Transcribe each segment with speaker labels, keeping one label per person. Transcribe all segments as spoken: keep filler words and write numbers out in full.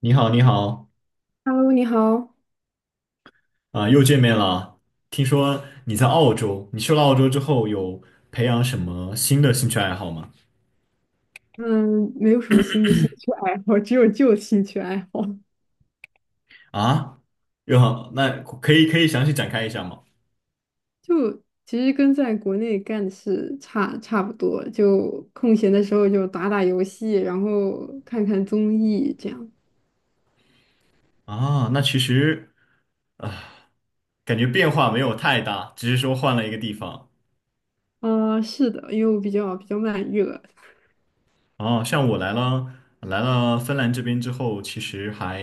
Speaker 1: 你好，你好，
Speaker 2: Hello，你好。
Speaker 1: 啊、又见面了。听说你在澳洲，你去了澳洲之后有培养什么新的兴趣爱好吗？
Speaker 2: 嗯，没有什么新的兴趣爱好，只有旧兴趣爱好。
Speaker 1: 啊，又好，那可以可以详细展开一下吗？
Speaker 2: 就其实跟在国内干的事差差不多，就空闲的时候就打打游戏，然后看看综艺这样。
Speaker 1: 啊，那其实啊，感觉变化没有太大，只是说换了一个地方。
Speaker 2: 啊、是的，因为我比较比较慢热。
Speaker 1: 啊，像我来了来了芬兰这边之后，其实还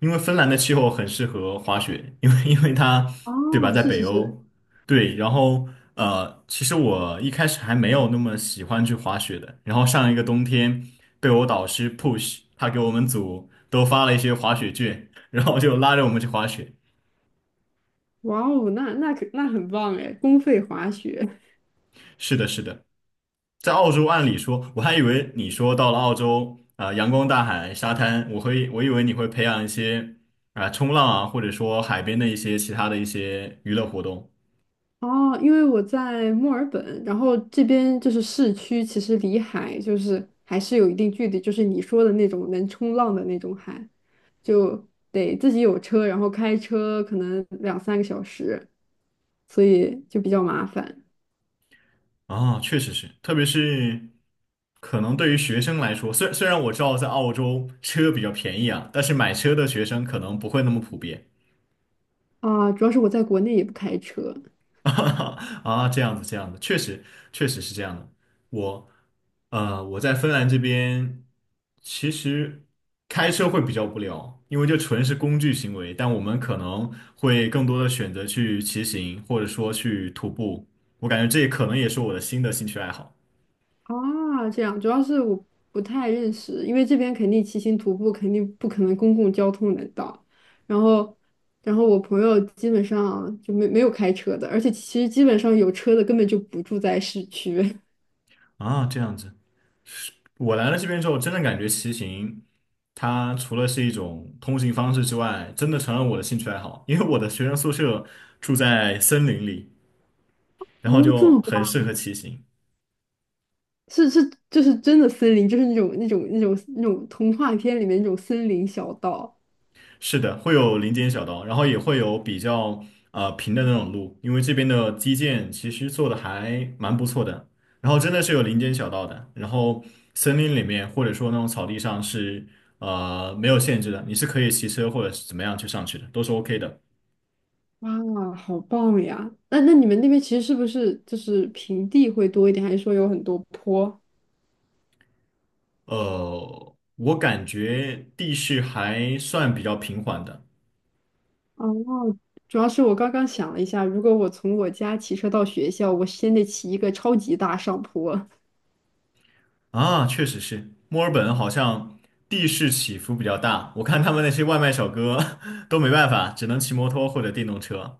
Speaker 1: 因为芬兰的气候很适合滑雪，因为因为它对吧，
Speaker 2: 哦，
Speaker 1: 在
Speaker 2: 是
Speaker 1: 北
Speaker 2: 是是，
Speaker 1: 欧，对，然后呃，其实我一开始还没有那么喜欢去滑雪的，然后上一个冬天被我导师 push，他给我们组都发了一些滑雪券，然后就拉着我们去滑雪。
Speaker 2: 哇哦，那那可那很棒哎，公费滑雪。
Speaker 1: 是的，是的。在澳洲，按理说，我还以为你说到了澳洲啊、阳光大海、沙滩，我会我以为你会培养一些啊、冲浪啊，或者说海边的一些其他的一些娱乐活动
Speaker 2: 哦，因为我在墨尔本，然后这边就是市区，其实离海就是还是有一定距离，就是你说的那种能冲浪的那种海，就得自己有车，然后开车可能两三个小时，所以就比较麻烦。
Speaker 1: 啊、确实是，特别是可能对于学生来说，虽虽然我知道在澳洲车比较便宜啊，但是买车的学生可能不会那么普遍。
Speaker 2: 啊。主要是我在国内也不开车。
Speaker 1: 啊，这样子，这样子，确实，确实是这样的。我，呃，我在芬兰这边，其实开车会比较无聊，因为这纯是工具行为，但我们可能会更多的选择去骑行，或者说去徒步。我感觉这可能也是我的新的兴趣爱好
Speaker 2: 啊，这样，主要是我不太认识，因为这边肯定骑行徒步肯定不可能公共交通能到，然后，然后我朋友基本上就没没有开车的，而且其实基本上有车的根本就不住在市区。
Speaker 1: 啊，这样子。我来了这边之后，真的感觉骑行，它除了是一种通行方式之外，真的成了我的兴趣爱好，因为我的学生宿舍住在森林里。然后
Speaker 2: 哦，这
Speaker 1: 就
Speaker 2: 么棒，
Speaker 1: 很适合骑行。
Speaker 2: 是是，就是真的森林，就是那种那种那种那种童话片里面那种森林小道。
Speaker 1: 是的，会有林间小道，然后也会有比较呃平的那种路，因为这边的基建其实做的还蛮不错的。然后真的是有林间小道的，然后森林里面或者说那种草地上是呃没有限制的，你是可以骑车或者是怎么样去上去的，都是 OK 的。
Speaker 2: 哇，好棒呀！那那你们那边其实是不是就是平地会多一点，还是说有很多坡？
Speaker 1: 呃，我感觉地势还算比较平缓的。
Speaker 2: 哦，主要是我刚刚想了一下，如果我从我家骑车到学校，我先得骑一个超级大上坡，
Speaker 1: 啊，确实是，墨尔本好像地势起伏比较大，我看他们那些外卖小哥 都没办法，只能骑摩托或者电动车。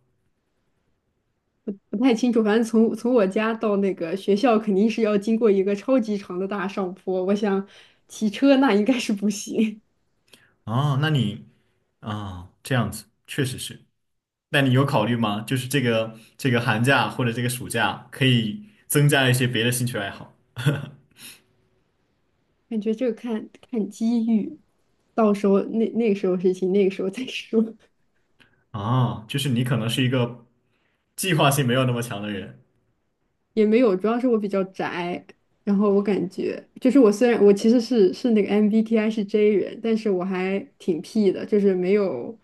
Speaker 2: 不太清楚。反正从从我家到那个学校，肯定是要经过一个超级长的大上坡。我想骑车那应该是不行，
Speaker 1: 哦，那你啊，这样子确实是。那你有考虑吗？就是这个这个寒假或者这个暑假，可以增加一些别的兴趣爱好。
Speaker 2: 感觉这个看看机遇，到时候那那个时候事情，那个时候再说。
Speaker 1: 啊，就是你可能是一个计划性没有那么强的人，
Speaker 2: 也没有，主要是我比较宅，然后我感觉就是我虽然我其实是是那个 M B T I 是 J 人，但是我还挺 P 的，就是没有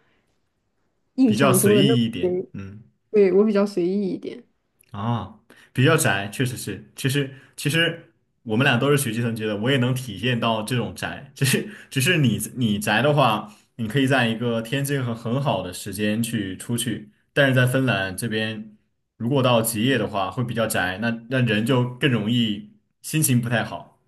Speaker 2: 印
Speaker 1: 比较
Speaker 2: 象中
Speaker 1: 随
Speaker 2: 的那么
Speaker 1: 意一点。
Speaker 2: J，
Speaker 1: 嗯。
Speaker 2: 对，我比较随意一点。
Speaker 1: 啊，比较宅，确实是。其实其实我们俩都是学计算机的，我也能体现到这种宅。只是只是你你宅的话，你可以在一个天气很很好的时间去出去，但是在芬兰这边，如果到极夜的话，会比较宅，那那人就更容易心情不太好。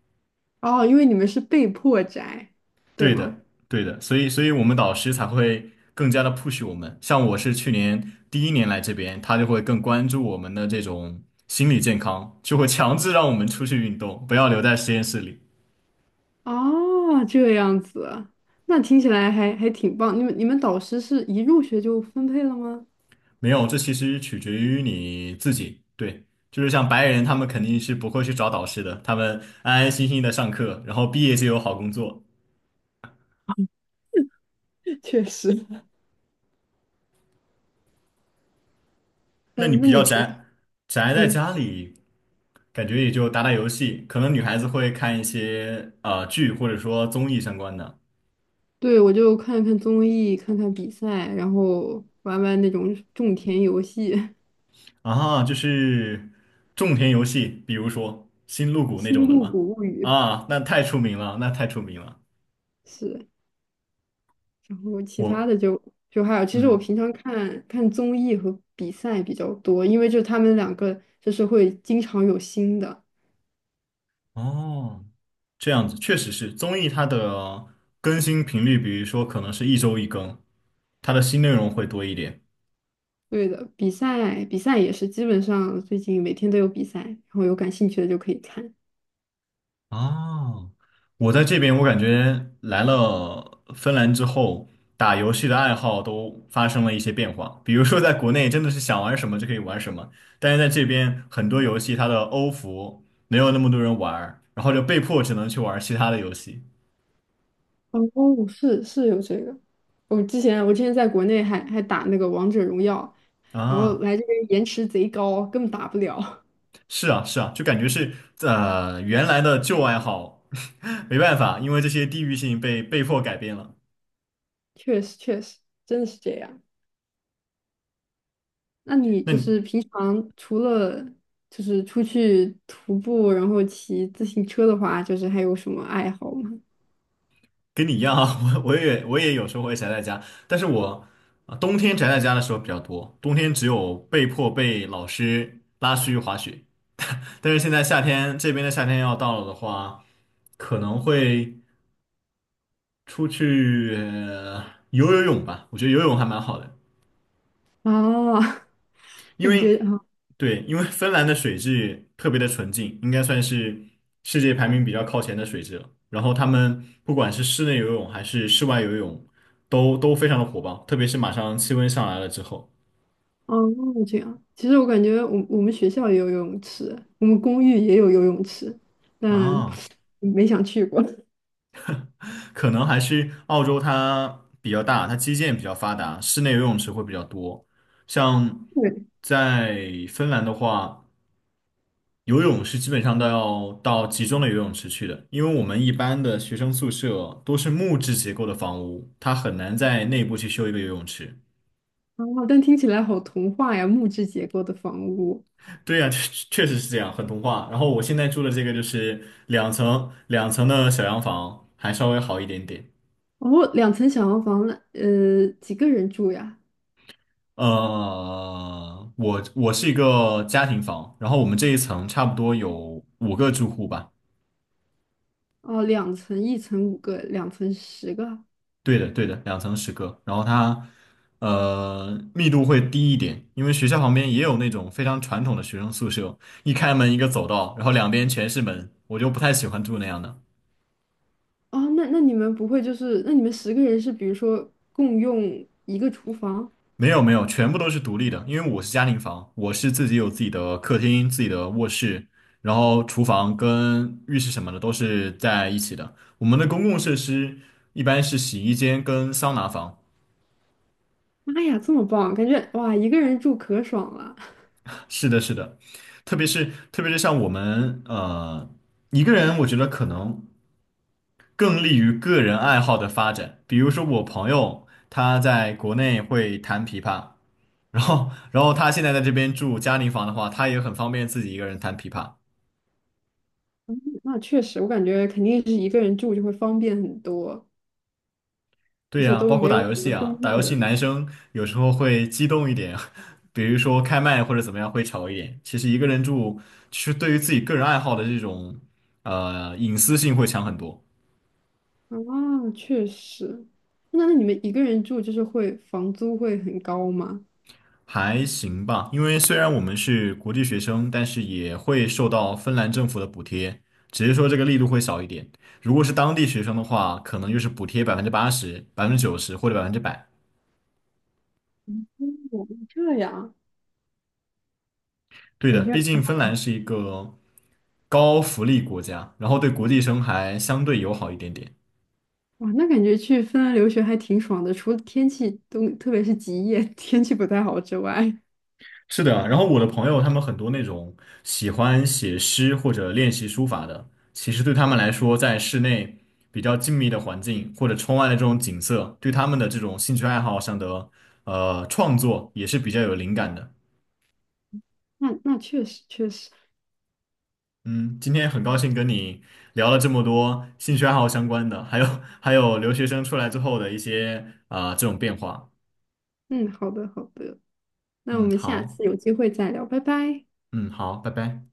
Speaker 2: 哦，因为你们是被迫宅，对
Speaker 1: 对的，
Speaker 2: 吗？
Speaker 1: 对的，所以，所以我们导师才会更加的 push 我们。像我是去年第一年来这边，他就会更关注我们的这种心理健康，就会强制让我们出去运动，不要留在实验室里。
Speaker 2: 哦，这样子，那听起来还还挺棒。你们你们导师是一入学就分配了吗？
Speaker 1: 没有，这其实取决于你自己。对，就是像白人，他们肯定是不会去找导师的，他们安安心心的上课，然后毕业就有好工作。
Speaker 2: 确实。
Speaker 1: 那你
Speaker 2: 嗯，那
Speaker 1: 比较
Speaker 2: 你平
Speaker 1: 宅，宅在
Speaker 2: 嗯。
Speaker 1: 家里，感觉也就打打游戏，可能女孩子会看一些呃剧或者说综艺相关的
Speaker 2: 对，我就看看综艺，看看比赛，然后玩玩那种种田游戏，
Speaker 1: 啊，就是种田游戏，比如说《星露谷》那种
Speaker 2: 《星
Speaker 1: 的
Speaker 2: 露
Speaker 1: 嘛。
Speaker 2: 谷物语》
Speaker 1: 啊，那太出名了，那太出名了。
Speaker 2: 是，然后其
Speaker 1: 我
Speaker 2: 他的就就还有，其实我
Speaker 1: 嗯
Speaker 2: 平常看看综艺和比赛比较多，因为就他们两个就是会经常有新的。
Speaker 1: 哦，这样子确实是综艺它的更新频率，比如说可能是一周一更，它的新内容会多一点。
Speaker 2: 对的，比赛比赛也是，基本上最近每天都有比赛，然后有感兴趣的就可以看。
Speaker 1: 哦，我在这边，我感觉来了芬兰之后，打游戏的爱好都发生了一些变化。比如说，在国内真的是想玩什么就可以玩什么，但是在这边很多游戏它的欧服没有那么多人玩儿然后就被迫只能去玩其他的游戏。
Speaker 2: 哦，是是有这个，我之前我之前在国内还还打那个王者荣耀。然后
Speaker 1: 啊，
Speaker 2: 来这边延迟贼高，根本打不了。
Speaker 1: 是啊，是啊，就感觉是呃原来的旧爱好，没办法，因为这些地域性被被迫改变了。
Speaker 2: 确实，确实，真的是这样。那你
Speaker 1: 那
Speaker 2: 就
Speaker 1: 你
Speaker 2: 是平常除了就是出去徒步，然后骑自行车的话，就是还有什么爱好吗？
Speaker 1: 跟你一样啊，我我也我也有时候会宅在家，但是我啊冬天宅在家的时候比较多，冬天只有被迫被老师拉出去滑雪，但是现在夏天这边的夏天要到了的话，可能会出去呃游游泳吧，我觉得游泳还蛮好的。
Speaker 2: 啊，
Speaker 1: 因
Speaker 2: 感觉
Speaker 1: 为
Speaker 2: 啊，
Speaker 1: 对，因为芬兰的水质特别的纯净，应该算是世界排名比较靠前的水质了。然后他们不管是室内游泳还是室外游泳，都都非常的火爆，特别是马上气温上来了之后
Speaker 2: 哦，这样。其实我感觉我我们学校也有游泳池，我们公寓也有游泳池，但
Speaker 1: 啊，
Speaker 2: 没想去过。
Speaker 1: 可能还是澳洲它比较大，它基建比较发达，室内游泳池会比较多。像
Speaker 2: 对，
Speaker 1: 在芬兰的话。游泳是基本上都要到集中的游泳池去的，因为我们一般的学生宿舍都是木质结构的房屋，它很难在内部去修一个游泳池。
Speaker 2: 啊，但听起来好童话呀，木质结构的房屋。
Speaker 1: 对呀，确确实是这样，很童话。然后我现在住的这个就是两层两层的小洋房，还稍微好一点点。
Speaker 2: 哦，两层小洋房，那呃，几个人住呀？
Speaker 1: 呃，我我是一个家庭房，然后我们这一层差不多有五个住户吧。
Speaker 2: 哦，两层，一层五个，两层十个。
Speaker 1: 对的，对的，两层十个，然后它呃密度会低一点，因为学校旁边也有那种非常传统的学生宿舍，一开门一个走道，然后两边全是门，我就不太喜欢住那样的。
Speaker 2: 哦，那那你们不会就是，那你们十个人是比如说共用一个厨房？
Speaker 1: 没有没有，全部都是独立的，因为我是家庭房，我是自己有自己的客厅、自己的卧室，然后厨房跟浴室什么的都是在一起的。我们的公共设施一般是洗衣间跟桑拿房。
Speaker 2: 妈呀，这么棒，感觉哇，一个人住可爽了。
Speaker 1: 是的，是的，特别是特别是像我们呃一个人，我觉得可能更利于个人爱好的发展。比如说我朋友他在国内会弹琵琶，然后然后他现在在这边住嘉陵房的话，他也很方便自己一个人弹琵琶。
Speaker 2: 那确实，我感觉肯定是一个人住就会方便很多，而
Speaker 1: 对
Speaker 2: 且
Speaker 1: 呀，
Speaker 2: 都
Speaker 1: 包括
Speaker 2: 没有
Speaker 1: 打游
Speaker 2: 什
Speaker 1: 戏
Speaker 2: 么公
Speaker 1: 啊，打游
Speaker 2: 用
Speaker 1: 戏
Speaker 2: 的。
Speaker 1: 男生有时候会激动一点，比如说开麦或者怎么样会吵一点。其实一个人住，其实对于自己个人爱好的这种呃隐私性会强很多。
Speaker 2: 啊，确实。那那你们一个人住就是会房租会很高吗？
Speaker 1: 还行吧，因为虽然我们是国际学生，但是也会受到芬兰政府的补贴，只是说这个力度会小一点。如果是当地学生的话，可能就是补贴百分之八十、百分之九十或者百分之百。
Speaker 2: 哦，这样
Speaker 1: 对
Speaker 2: 感
Speaker 1: 的，
Speaker 2: 觉
Speaker 1: 毕
Speaker 2: 啊
Speaker 1: 竟芬兰是一个高福利国家，然后对国际生还相对友好一点点。
Speaker 2: 哇，那感觉去芬兰留学还挺爽的，除了天气都，特别是极夜 天气不太好之外，
Speaker 1: 是的，然后我的朋友他们很多那种喜欢写诗或者练习书法的，其实对他们来说，在室内比较静谧的环境或者窗外的这种景色，对他们的这种兴趣爱好上的呃创作也是比较有灵感的。
Speaker 2: 那那确实确实，
Speaker 1: 嗯，今天很高兴跟你聊了这么多兴趣爱好相关的，还有还有留学生出来之后的一些啊、呃这种变化。
Speaker 2: 嗯，好的好的，那我
Speaker 1: 嗯，
Speaker 2: 们下
Speaker 1: 好，
Speaker 2: 次有机会再聊，拜拜。
Speaker 1: 嗯，好，拜拜。